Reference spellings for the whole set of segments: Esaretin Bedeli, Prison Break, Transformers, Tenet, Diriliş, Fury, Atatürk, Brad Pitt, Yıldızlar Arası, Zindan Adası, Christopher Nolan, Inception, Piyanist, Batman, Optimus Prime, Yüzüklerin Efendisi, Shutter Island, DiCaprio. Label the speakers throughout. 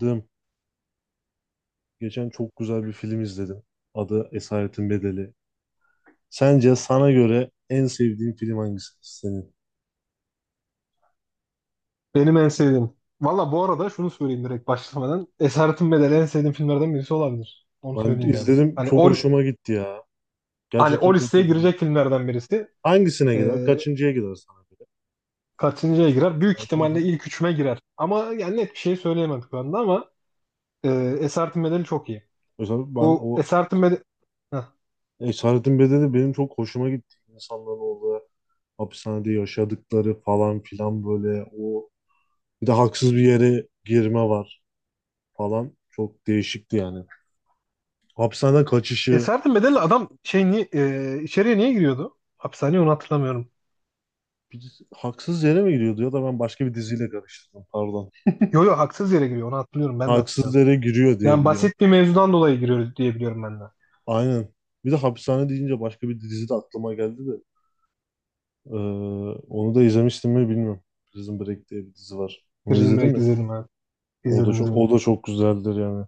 Speaker 1: Dım. Geçen çok güzel bir film izledim. Adı Esaretin Bedeli. Sence sana göre en sevdiğin film hangisi senin?
Speaker 2: Benim en sevdiğim. Valla bu arada şunu söyleyeyim direkt başlamadan. Esaretin Bedeli en sevdiğim filmlerden birisi olabilir. Onu
Speaker 1: Ben
Speaker 2: söyleyeyim yani.
Speaker 1: izledim,
Speaker 2: Hani
Speaker 1: çok
Speaker 2: o,
Speaker 1: hoşuma gitti ya.
Speaker 2: hani
Speaker 1: Gerçekten
Speaker 2: o
Speaker 1: çok
Speaker 2: listeye
Speaker 1: iyi film.
Speaker 2: girecek filmlerden birisi.
Speaker 1: Hangisine gider?
Speaker 2: Ee,
Speaker 1: Kaçıncıya gider sana göre?
Speaker 2: kaçıncıya girer? Büyük
Speaker 1: Ben şu
Speaker 2: ihtimalle
Speaker 1: an-
Speaker 2: ilk üçüme girer. Ama yani net bir şey söyleyemem şu anda ama e, Esaretin Bedeli çok iyi.
Speaker 1: mesela ben
Speaker 2: Bu
Speaker 1: o
Speaker 2: Esaretin Bedeli... Heh.
Speaker 1: Esaretin Bedeli benim çok hoşuma gitti. İnsanların orada hapishanede yaşadıkları falan filan, böyle o bir de haksız bir yere girme var falan. Çok değişikti yani. Hapishaneden kaçışı.
Speaker 2: Esaretin Bedeli adam şey niye, içeriye niye giriyordu? Hapishaneye onu hatırlamıyorum.
Speaker 1: Haksız yere mi giriyordu, ya da ben başka bir diziyle karıştırdım, pardon.
Speaker 2: Yo yo haksız yere giriyor onu hatırlıyorum ben de
Speaker 1: Haksız
Speaker 2: hatırlıyorum.
Speaker 1: yere giriyor diye
Speaker 2: Yani
Speaker 1: biliyorum.
Speaker 2: basit bir mevzudan dolayı giriyor diye biliyorum ben de.
Speaker 1: Aynen. Bir de hapishane deyince başka bir dizi de aklıma geldi de. Ee, Onu da izlemiştim mi bilmiyorum. Prison Break diye bir dizi var. Onu
Speaker 2: Prison
Speaker 1: izledin
Speaker 2: Break
Speaker 1: mi?
Speaker 2: izledim, evet.
Speaker 1: O da
Speaker 2: İzledim
Speaker 1: çok o
Speaker 2: izledim.
Speaker 1: da çok güzeldir yani.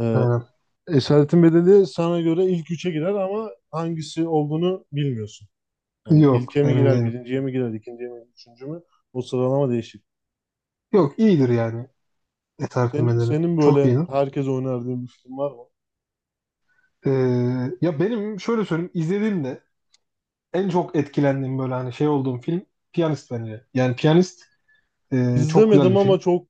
Speaker 1: Ee,
Speaker 2: Aynen.
Speaker 1: Esaretin Bedeli sana göre ilk üçe girer, ama hangisi olduğunu bilmiyorsun. Yani
Speaker 2: Yok,
Speaker 1: ilke mi
Speaker 2: emin
Speaker 1: girer,
Speaker 2: değilim.
Speaker 1: birinciye mi girer, ikinciye mi, üçüncü mü? O sıralama değişik.
Speaker 2: Yok, iyidir yani
Speaker 1: Sen,
Speaker 2: eserlemeleri.
Speaker 1: senin
Speaker 2: Çok
Speaker 1: böyle
Speaker 2: iyidir.
Speaker 1: herkese önerdiğin bir film var mı?
Speaker 2: Ee, ya benim şöyle söyleyeyim, izlediğimde en çok etkilendiğim böyle hani şey olduğum film Piyanist, bence. Yani Piyanist çok güzel
Speaker 1: İzlemedim,
Speaker 2: bir film.
Speaker 1: ama çok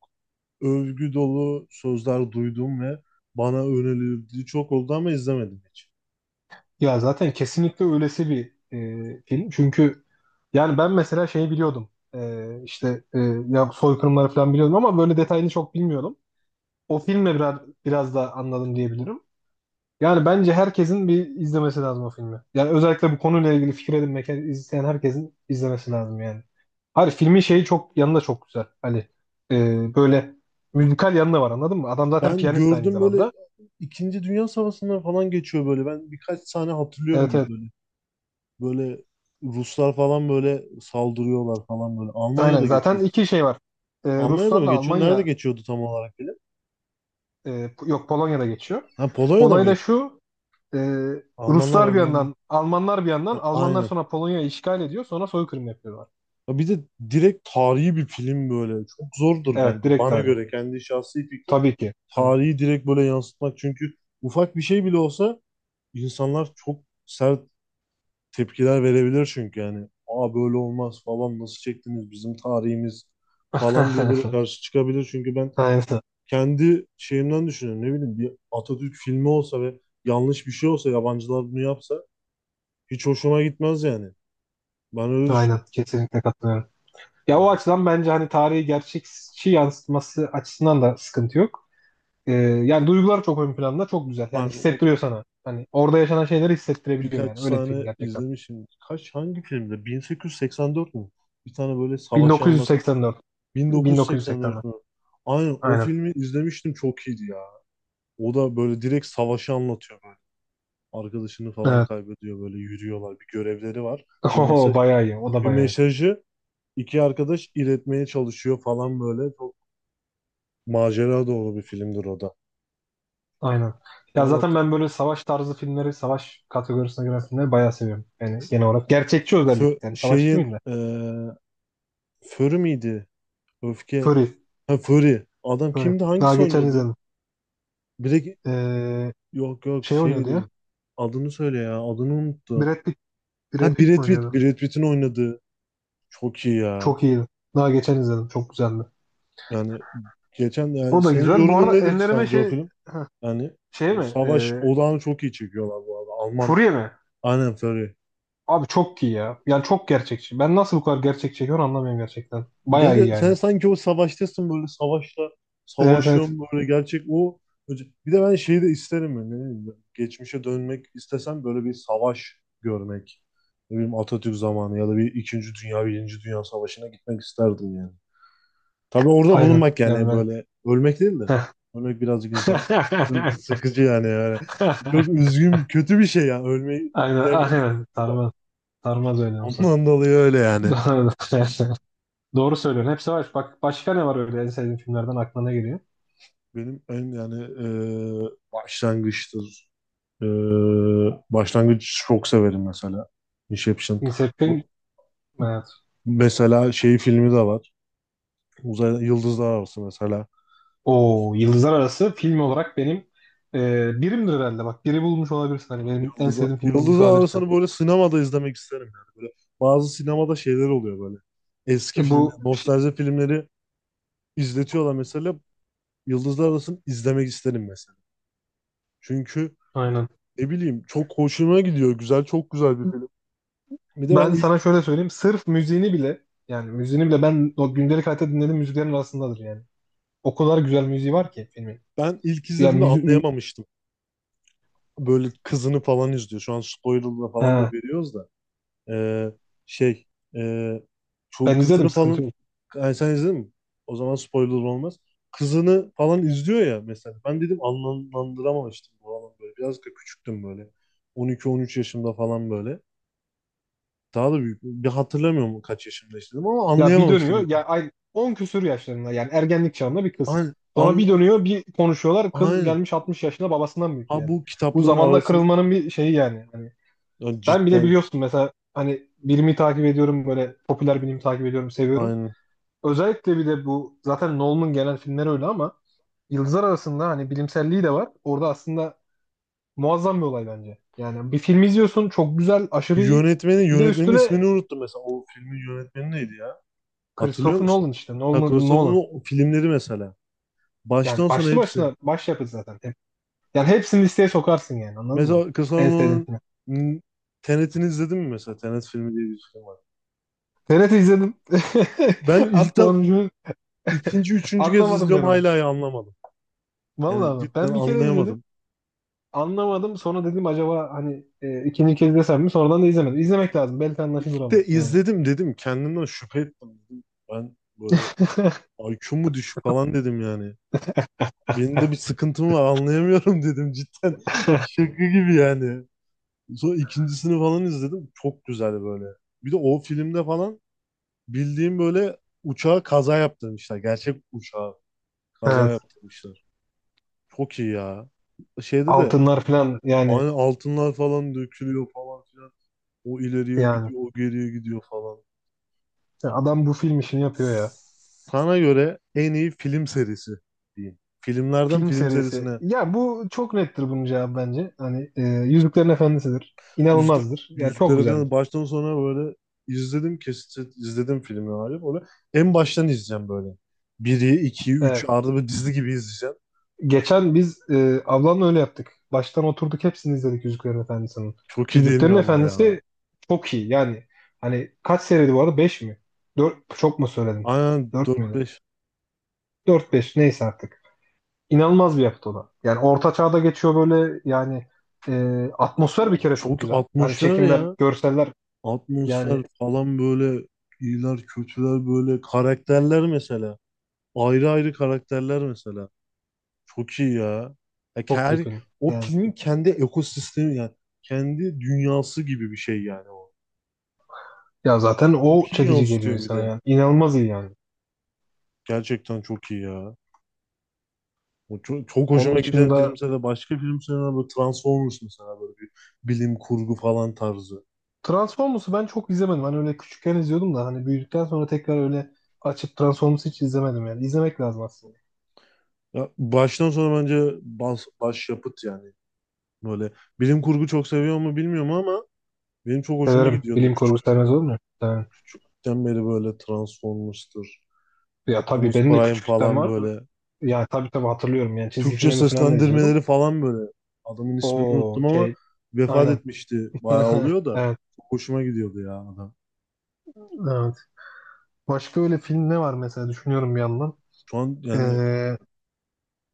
Speaker 1: övgü dolu sözler duydum ve bana önerildiği çok oldu, ama izlemedim hiç.
Speaker 2: Ya zaten kesinlikle öylesi bir film. Çünkü yani ben mesela şeyi biliyordum. İşte ya soykırımları falan biliyordum ama böyle detayını çok bilmiyordum. O filmle biraz, da anladım diyebilirim. Yani bence herkesin bir izlemesi lazım o filmi. Yani özellikle bu konuyla ilgili fikir edinmek isteyen herkesin izlemesi lazım yani. Hayır, filmin şeyi çok yanında çok güzel. Hani böyle müzikal yanında var, anladın mı? Adam zaten
Speaker 1: Ben
Speaker 2: piyanist aynı
Speaker 1: gördüm, böyle
Speaker 2: zamanda.
Speaker 1: İkinci Dünya Savaşı'ndan falan geçiyor böyle. Ben birkaç sahne hatırlıyorum
Speaker 2: Evet,
Speaker 1: gibi
Speaker 2: evet.
Speaker 1: böyle. Böyle Ruslar falan böyle saldırıyorlar falan böyle.
Speaker 2: Aynen,
Speaker 1: Almanya'da
Speaker 2: zaten
Speaker 1: geçiyordu.
Speaker 2: iki şey var.
Speaker 1: Almanya'da mı
Speaker 2: Ruslarla
Speaker 1: geçiyor? Nerede
Speaker 2: Almanya
Speaker 1: geçiyordu tam olarak bile?
Speaker 2: e, yok, Polonya'da geçiyor.
Speaker 1: Ha, Polonya'da mı
Speaker 2: Olay da
Speaker 1: geçiyor?
Speaker 2: şu. e,
Speaker 1: Almanlar,
Speaker 2: Ruslar bir
Speaker 1: Almanlar.
Speaker 2: yandan, Almanlar bir yandan.
Speaker 1: Ha,
Speaker 2: Almanlar
Speaker 1: aynen.
Speaker 2: sonra Polonya'yı işgal ediyor, sonra soykırım yapıyorlar.
Speaker 1: Ya bir de direkt tarihi bir film böyle. Çok zordur
Speaker 2: Evet,
Speaker 1: bence.
Speaker 2: direkt
Speaker 1: Bana
Speaker 2: aynı.
Speaker 1: göre kendi şahsi fikrim.
Speaker 2: Tabii ki. Tamam.
Speaker 1: Tarihi direkt böyle yansıtmak. Çünkü ufak bir şey bile olsa insanlar çok sert tepkiler verebilir çünkü yani. Aa, böyle olmaz falan, nasıl çektiniz bizim tarihimiz falan diye böyle karşı çıkabilir. Çünkü ben
Speaker 2: Aynen.
Speaker 1: kendi şeyimden düşünüyorum. Ne bileyim, bir Atatürk filmi olsa ve yanlış bir şey olsa, yabancılar bunu yapsa hiç hoşuma gitmez yani. Ben öyle
Speaker 2: Aynen,
Speaker 1: düşünüyorum.
Speaker 2: kesinlikle katılıyorum. Ya o
Speaker 1: Yani,
Speaker 2: açıdan bence hani tarihi gerçekçi yansıtması açısından da sıkıntı yok. Yani duygular çok ön planda, çok güzel. Yani
Speaker 1: hani o
Speaker 2: hissettiriyor sana. Hani orada yaşanan şeyleri hissettirebiliyor
Speaker 1: birkaç
Speaker 2: yani. Öyle bir film
Speaker 1: sahne
Speaker 2: gerçekten.
Speaker 1: izlemişim. Kaç hangi filmde? 1884 mü? Bir tane böyle savaşı anlatan.
Speaker 2: 1984.
Speaker 1: 1984
Speaker 2: 1984.
Speaker 1: mü? Aynen, o
Speaker 2: Aynen.
Speaker 1: filmi izlemiştim, çok iyiydi ya. O da böyle direkt savaşı anlatıyor böyle. Arkadaşını falan
Speaker 2: Evet.
Speaker 1: kaybediyor, böyle yürüyorlar. Bir görevleri var. Bir
Speaker 2: Oho,
Speaker 1: mesaj
Speaker 2: bayağı iyi. O da
Speaker 1: Bir
Speaker 2: bayağı iyi.
Speaker 1: mesajı iki arkadaş iletmeye çalışıyor falan böyle. Çok macera dolu bir filmdir o da.
Speaker 2: Aynen.
Speaker 1: Şu
Speaker 2: Ya
Speaker 1: an
Speaker 2: zaten
Speaker 1: hatır-
Speaker 2: ben böyle savaş tarzı filmleri, savaş kategorisine giren filmleri bayağı seviyorum. Yani genel olarak. Gerçekçi özellikle.
Speaker 1: Fö-
Speaker 2: Yani savaş
Speaker 1: şeyin
Speaker 2: değil de.
Speaker 1: Fury miydi? Öfke.
Speaker 2: Fury.
Speaker 1: Ha, Fury. Adam
Speaker 2: Fury.
Speaker 1: kimdi?
Speaker 2: Daha
Speaker 1: Hangisi
Speaker 2: geçen
Speaker 1: oynuyordu ya?
Speaker 2: izledim.
Speaker 1: Direkt,
Speaker 2: Ee,
Speaker 1: yok yok,
Speaker 2: şey oynuyordu ya.
Speaker 1: şeydi. Adını söyle ya. Adını unuttum.
Speaker 2: Brad Pitt
Speaker 1: Ha,
Speaker 2: Brad Pitt mi
Speaker 1: Brad Pitt.
Speaker 2: oynuyordu?
Speaker 1: Brad Pitt'in oynadığı. Çok iyi ya.
Speaker 2: Çok iyiydi. Daha geçen izledim. Çok güzeldi.
Speaker 1: Yani geçen, yani
Speaker 2: O da
Speaker 1: senin
Speaker 2: güzel. Bu
Speaker 1: yorumun
Speaker 2: arada
Speaker 1: nedir
Speaker 2: ellerime
Speaker 1: sence o
Speaker 2: şey,
Speaker 1: film? Yani
Speaker 2: şey
Speaker 1: o
Speaker 2: mi?
Speaker 1: savaş odağını çok iyi çekiyorlar bu arada. Alman.
Speaker 2: Furya mi?
Speaker 1: Aynen, Fury.
Speaker 2: Abi çok iyi ya. Yani çok gerçekçi. Ben nasıl bu kadar gerçek çekiyorum anlamıyorum gerçekten. Bayağı iyi
Speaker 1: Gel, sen
Speaker 2: yani.
Speaker 1: sanki o savaştasın, böyle savaşta
Speaker 2: Evet, evet.
Speaker 1: savaşıyorum böyle, gerçek o bir de ben şeyi de isterim yani, ne bileyim ben, geçmişe dönmek istesem böyle bir savaş görmek, ne bileyim Atatürk zamanı ya da bir İkinci Dünya Birinci Dünya Savaşı'na gitmek isterdim yani. Tabii orada
Speaker 2: Aynen.
Speaker 1: bulunmak
Speaker 2: Yani
Speaker 1: yani
Speaker 2: ben.
Speaker 1: böyle, ölmek değil de. Ölmek birazcık insan sıkıcı yani çok üzgün, kötü bir şey yani, ölmeyi
Speaker 2: Aynen,
Speaker 1: bilemiyoruz.
Speaker 2: aynen. Sarmaz. Sarmaz öyle olsa.
Speaker 1: Ondan dolayı öyle yani.
Speaker 2: Doğru söylüyorsun. Hepsi var. Bak başka ne var, öyle en sevdiğin filmlerden aklına ne geliyor?
Speaker 1: Benim en yani, başlangıçtır. Ee, Başlangıç çok severim mesela. Inception.
Speaker 2: Inception.
Speaker 1: Bu,
Speaker 2: Evet.
Speaker 1: mesela şey filmi de var. Uzay Yıldızlar Arası mesela.
Speaker 2: O Yıldızlar Arası film olarak benim birimdir herhalde. Bak biri bulmuş olabilirsin. Hani benim en
Speaker 1: Yıldızlar,
Speaker 2: sevdiğim film bulmuş
Speaker 1: Yıldızlar
Speaker 2: olabilirsin.
Speaker 1: Arası'nı böyle sinemada izlemek isterim yani. Böyle bazı sinemada şeyler oluyor böyle. Eski filmler,
Speaker 2: Bu şey-
Speaker 1: nostalji filmleri izletiyorlar mesela. Yıldızlar Arası'nı izlemek isterim mesela. Çünkü
Speaker 2: aynen.
Speaker 1: ne bileyim, çok hoşuma gidiyor. Güzel, çok güzel bir film. Bir de ben
Speaker 2: Ben
Speaker 1: ilk
Speaker 2: sana şöyle söyleyeyim. Sırf müziğini bile, yani müziğini bile ben o gündelik hayatta dinlediğim müziklerin arasındadır yani. O kadar güzel müziği var ki filmin.
Speaker 1: ben ilk
Speaker 2: Ya
Speaker 1: izlediğimde
Speaker 2: müzik,
Speaker 1: anlayamamıştım. Böyle kızını falan izliyor. Şu an spoiler'la falan da
Speaker 2: ha,
Speaker 1: veriyoruz da. Ee, şey e, Şu
Speaker 2: ben izledim,
Speaker 1: kızını
Speaker 2: sıkıntı
Speaker 1: falan,
Speaker 2: yok.
Speaker 1: yani sen izledin mi? O zaman spoiler olmaz. Kızını falan izliyor ya mesela. Ben dedim, anlamlandıramamıştım bu adam böyle. Biraz da küçüktüm böyle. 12-13 yaşımda falan böyle. Daha da büyük. Bir hatırlamıyorum kaç yaşımda istedim, ama
Speaker 2: Ya bir
Speaker 1: anlayamamıştım
Speaker 2: dönüyor
Speaker 1: ilk.
Speaker 2: ya, ay, 10 küsur yaşlarında yani ergenlik çağında bir kız.
Speaker 1: Aynen.
Speaker 2: Sonra
Speaker 1: An,
Speaker 2: bir dönüyor, bir konuşuyorlar. Kız
Speaker 1: aynen.
Speaker 2: gelmiş 60 yaşında, babasından büyük
Speaker 1: Ha,
Speaker 2: yani.
Speaker 1: bu
Speaker 2: Bu
Speaker 1: kitaplığın
Speaker 2: zamanla
Speaker 1: arasın,
Speaker 2: kırılmanın bir şeyi yani. Hani
Speaker 1: ya
Speaker 2: ben bile
Speaker 1: cidden,
Speaker 2: biliyorsun mesela, hani bilimi takip ediyorum, böyle popüler bilimi takip ediyorum, seviyorum.
Speaker 1: aynen.
Speaker 2: Özellikle bir de bu zaten Nolan'ın gelen filmleri öyle ama Yıldızlar arasında hani bilimselliği de var. Orada aslında muazzam bir olay bence. Yani bir film izliyorsun, çok güzel, aşırı iyi.
Speaker 1: Yönetmenin
Speaker 2: Bir de
Speaker 1: yönetmenin
Speaker 2: üstüne
Speaker 1: ismini unuttum mesela. O filmin yönetmeni neydi ya? Hatırlıyor
Speaker 2: Christopher
Speaker 1: musun?
Speaker 2: Nolan, işte
Speaker 1: Ha,
Speaker 2: Nolan,
Speaker 1: Christopher'ın
Speaker 2: Nolan.
Speaker 1: o filmleri mesela.
Speaker 2: Yani
Speaker 1: Baştan sona
Speaker 2: başlı
Speaker 1: hepsi.
Speaker 2: başına başyapıt zaten. Hep- yani hepsini listeye sokarsın yani, anladın mı?
Speaker 1: Mesela Kısa
Speaker 2: En sevdiğin
Speaker 1: Orman'ın,
Speaker 2: film.
Speaker 1: m, Tenet'ini izledin mi mesela? Tenet filmi diye bir film var.
Speaker 2: TRT izledim.
Speaker 1: Ben
Speaker 2: Hatta
Speaker 1: ilkten
Speaker 2: onu
Speaker 1: ikinci, üçüncü kez
Speaker 2: anlamadım ben
Speaker 1: izliyorum
Speaker 2: onu.
Speaker 1: hala ya, anlamadım. Yani
Speaker 2: Vallahi bak,
Speaker 1: cidden
Speaker 2: ben bir kere izledim.
Speaker 1: anlayamadım.
Speaker 2: Anlamadım. Sonra dedim acaba hani ikinci kez desem mi? Sonradan da izlemedim. İzlemek lazım. Belki anlaşılır
Speaker 1: Bir de
Speaker 2: ama yani.
Speaker 1: izledim dedim, kendimden şüphe ettim dedim. Ben böyle IQ mu düşük falan dedim yani. Benim de bir sıkıntım var, anlayamıyorum dedim cidden. Şaka gibi yani. Sonra ikincisini falan izledim. Çok güzel böyle. Bir de o filmde falan bildiğim böyle uçağa kaza yaptırmışlar. Gerçek uçağa. Kaza
Speaker 2: Evet.
Speaker 1: yaptırmışlar. Çok iyi ya. Şeyde de
Speaker 2: Altınlar falan yani,
Speaker 1: aynı, altınlar falan dökülüyor falan filan. O ileriye
Speaker 2: yani.
Speaker 1: gidiyor, o geriye gidiyor falan.
Speaker 2: Adam bu film işini yapıyor ya.
Speaker 1: Sana göre en iyi film serisi diyeyim. Filmlerden
Speaker 2: Film
Speaker 1: film
Speaker 2: serisi.
Speaker 1: serisine,
Speaker 2: Ya bu çok nettir bunun cevabı bence. Hani Yüzüklerin Efendisi'dir.
Speaker 1: yüzde
Speaker 2: İnanılmazdır. Yani çok
Speaker 1: yüzleri
Speaker 2: güzeldir.
Speaker 1: falan baştan sona böyle izledim, kesit izledim filmi abi. Böyle en baştan izleyeceğim böyle. Biri, iki, üç,
Speaker 2: Evet.
Speaker 1: arada bir dizi gibi izleyeceğim.
Speaker 2: Geçen biz ablamla öyle yaptık. Baştan oturduk, hepsini izledik Yüzüklerin Efendisi'nin.
Speaker 1: Çok iyi değil mi
Speaker 2: Yüzüklerin
Speaker 1: ama ya?
Speaker 2: Efendisi çok iyi. Yani hani kaç seriydi bu arada? 5 mi? 4 çok mu söyledim?
Speaker 1: Aynen,
Speaker 2: 4
Speaker 1: dört
Speaker 2: mü?
Speaker 1: beş.
Speaker 2: 4-5, neyse artık. İnanılmaz bir yapıt o da. Yani orta çağda geçiyor böyle yani, atmosfer bir
Speaker 1: Abi,
Speaker 2: kere çok
Speaker 1: çok
Speaker 2: güzel. Hani
Speaker 1: 60'lar
Speaker 2: çekimler,
Speaker 1: ya.
Speaker 2: görseller,
Speaker 1: Atmosfer
Speaker 2: yani
Speaker 1: falan böyle, iyiler kötüler böyle karakterler mesela. Ayrı ayrı karakterler mesela. Çok iyi ya. Ya
Speaker 2: çok iyi
Speaker 1: her,
Speaker 2: film.
Speaker 1: o
Speaker 2: Yani
Speaker 1: filmin kendi ekosistemi yani, kendi dünyası gibi bir şey yani o.
Speaker 2: ya zaten
Speaker 1: Çok
Speaker 2: o
Speaker 1: iyi
Speaker 2: çekici geliyor
Speaker 1: yansıtıyor bir
Speaker 2: insana
Speaker 1: de.
Speaker 2: yani. İnanılmaz iyi yani.
Speaker 1: Gerçekten çok iyi ya. O çok, çok
Speaker 2: Onun
Speaker 1: hoşuma giden
Speaker 2: dışında
Speaker 1: filmse de, başka filmse de böyle Transformers mesela, böyle bir bilim kurgu falan tarzı.
Speaker 2: Transformers'ı ben çok izlemedim. Hani öyle küçükken izliyordum da hani büyüdükten sonra tekrar öyle açıp Transformers'ı hiç izlemedim yani. İzlemek lazım aslında.
Speaker 1: Ya baştan sona bence başyapıt yani. Böyle bilim kurgu çok seviyor mu bilmiyorum, ama benim çok hoşuma
Speaker 2: Severim.
Speaker 1: gidiyordu
Speaker 2: Bilim kurgu sevmez olur mu? Yani,
Speaker 1: küçükten beri böyle, Transformers'tır,
Speaker 2: ya tabii
Speaker 1: Optimus
Speaker 2: benim de
Speaker 1: Prime
Speaker 2: küçüklükten
Speaker 1: falan
Speaker 2: var.
Speaker 1: böyle.
Speaker 2: Yani tabii, tabii hatırlıyorum. Yani çizgi
Speaker 1: Türkçe
Speaker 2: filmlerini falan da izliyordum.
Speaker 1: seslendirmeleri falan böyle. Adamın ismini
Speaker 2: O
Speaker 1: unuttum ama
Speaker 2: şey.
Speaker 1: vefat
Speaker 2: Aynen.
Speaker 1: etmişti. Bayağı oluyor da.
Speaker 2: Evet.
Speaker 1: Çok hoşuma gidiyordu ya adam.
Speaker 2: Evet. Başka öyle film ne var mesela, düşünüyorum bir yandan.
Speaker 1: Şu an yani
Speaker 2: Ee,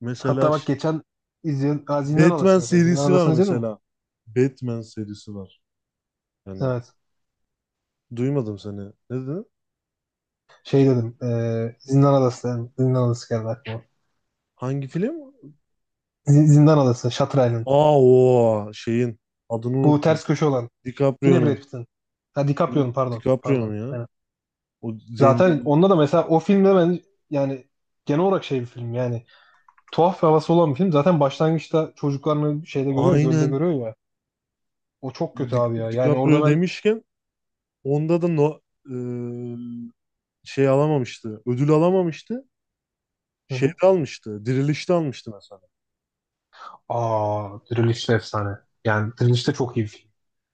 Speaker 1: mesela
Speaker 2: hatta bak geçen izleyen, aa, Zindan
Speaker 1: Batman
Speaker 2: Adası mesela. Zindan
Speaker 1: serisi var
Speaker 2: Adası'nı izledin mi?
Speaker 1: mesela. Batman serisi var. Yani
Speaker 2: Evet.
Speaker 1: duymadım seni. Ne dedin?
Speaker 2: Şey dedim. Zindan Adası dedim. Zindan Adası geldi aklıma.
Speaker 1: Hangi film?
Speaker 2: Z- Zindan Adası. Shutter Island.
Speaker 1: Aa, o şeyin adını
Speaker 2: Bu
Speaker 1: unuttum.
Speaker 2: ters köşe olan. Yine Brad
Speaker 1: DiCaprio'nun.
Speaker 2: Pitt'in. Ha,
Speaker 1: Biri-
Speaker 2: DiCaprio'nun, pardon. Pardon.
Speaker 1: DiCaprio'nun ya.
Speaker 2: Aynen.
Speaker 1: O zenci.
Speaker 2: Zaten onda da mesela, o filmde ben, yani genel olarak şey bir film yani, tuhaf bir havası olan bir film. Zaten başlangıçta çocuklarını şeyde görüyor, gölde
Speaker 1: Aynen,
Speaker 2: görüyor ya. O çok kötü
Speaker 1: Di
Speaker 2: abi ya. Yani orada
Speaker 1: DiCaprio
Speaker 2: ben,
Speaker 1: demişken onda da no, e, şey alamamıştı. Ödül alamamıştı.
Speaker 2: hı
Speaker 1: Şeyde
Speaker 2: hı.
Speaker 1: almıştı. Dirilişte almıştı mesela.
Speaker 2: Aa, Diriliş de efsane. Yani Diriliş de çok iyi bir film.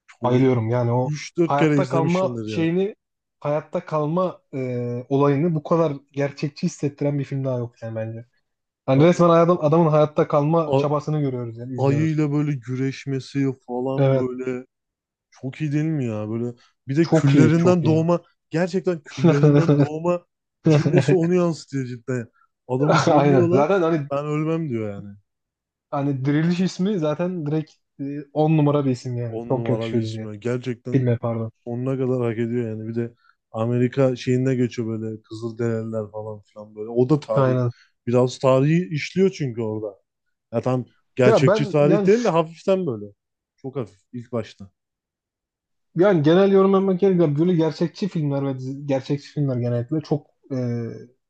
Speaker 1: Çok,
Speaker 2: Bayılıyorum yani o
Speaker 1: üç dört kere
Speaker 2: hayatta kalma
Speaker 1: izlemişimdir ya.
Speaker 2: şeyini, hayatta kalma olayını bu kadar gerçekçi hissettiren bir film daha yok yani, bence.
Speaker 1: Ben
Speaker 2: Yani resmen
Speaker 1: o
Speaker 2: adam, adamın hayatta kalma
Speaker 1: a-
Speaker 2: çabasını görüyoruz yani, izliyoruz.
Speaker 1: ayıyla böyle güreşmesi falan
Speaker 2: Evet.
Speaker 1: böyle, çok iyi değil mi ya? Böyle bir de
Speaker 2: Çok iyi, çok
Speaker 1: küllerinden
Speaker 2: iyi.
Speaker 1: doğma, gerçekten küllerinden doğma cümlesi onu yansıtıyor cidden. Adamı
Speaker 2: Aynen.
Speaker 1: gömüyorlar.
Speaker 2: Zaten hani,
Speaker 1: Ben ölmem diyor yani.
Speaker 2: hani Diriliş ismi zaten direkt e, 10 numara bir isim yani.
Speaker 1: On
Speaker 2: Çok
Speaker 1: numara bir
Speaker 2: yakışıyor
Speaker 1: isim
Speaker 2: diye.
Speaker 1: ya. Gerçekten
Speaker 2: Filme, pardon.
Speaker 1: sonuna kadar hak ediyor yani. Bir de Amerika şeyine geçiyor böyle, Kızılderililer falan filan böyle. O da tarih.
Speaker 2: Aynen.
Speaker 1: Biraz tarihi işliyor çünkü orada. Ya tam
Speaker 2: Ya
Speaker 1: gerçekçi
Speaker 2: ben
Speaker 1: tarih
Speaker 2: yani,
Speaker 1: değil de, hafiften böyle. Çok hafif ilk başta.
Speaker 2: yani genel yorum yapmak gerekirse böyle gerçekçi filmler ve dizi- gerçekçi filmler genellikle çok e,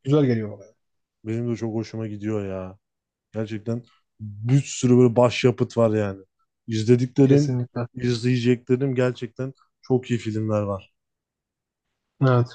Speaker 2: güzel geliyor bana.
Speaker 1: Benim de çok hoşuma gidiyor ya. Gerçekten bir sürü böyle başyapıt var yani. İzlediklerim,
Speaker 2: Kesinlikle.
Speaker 1: izleyeceklerim, gerçekten çok iyi filmler var.
Speaker 2: Evet.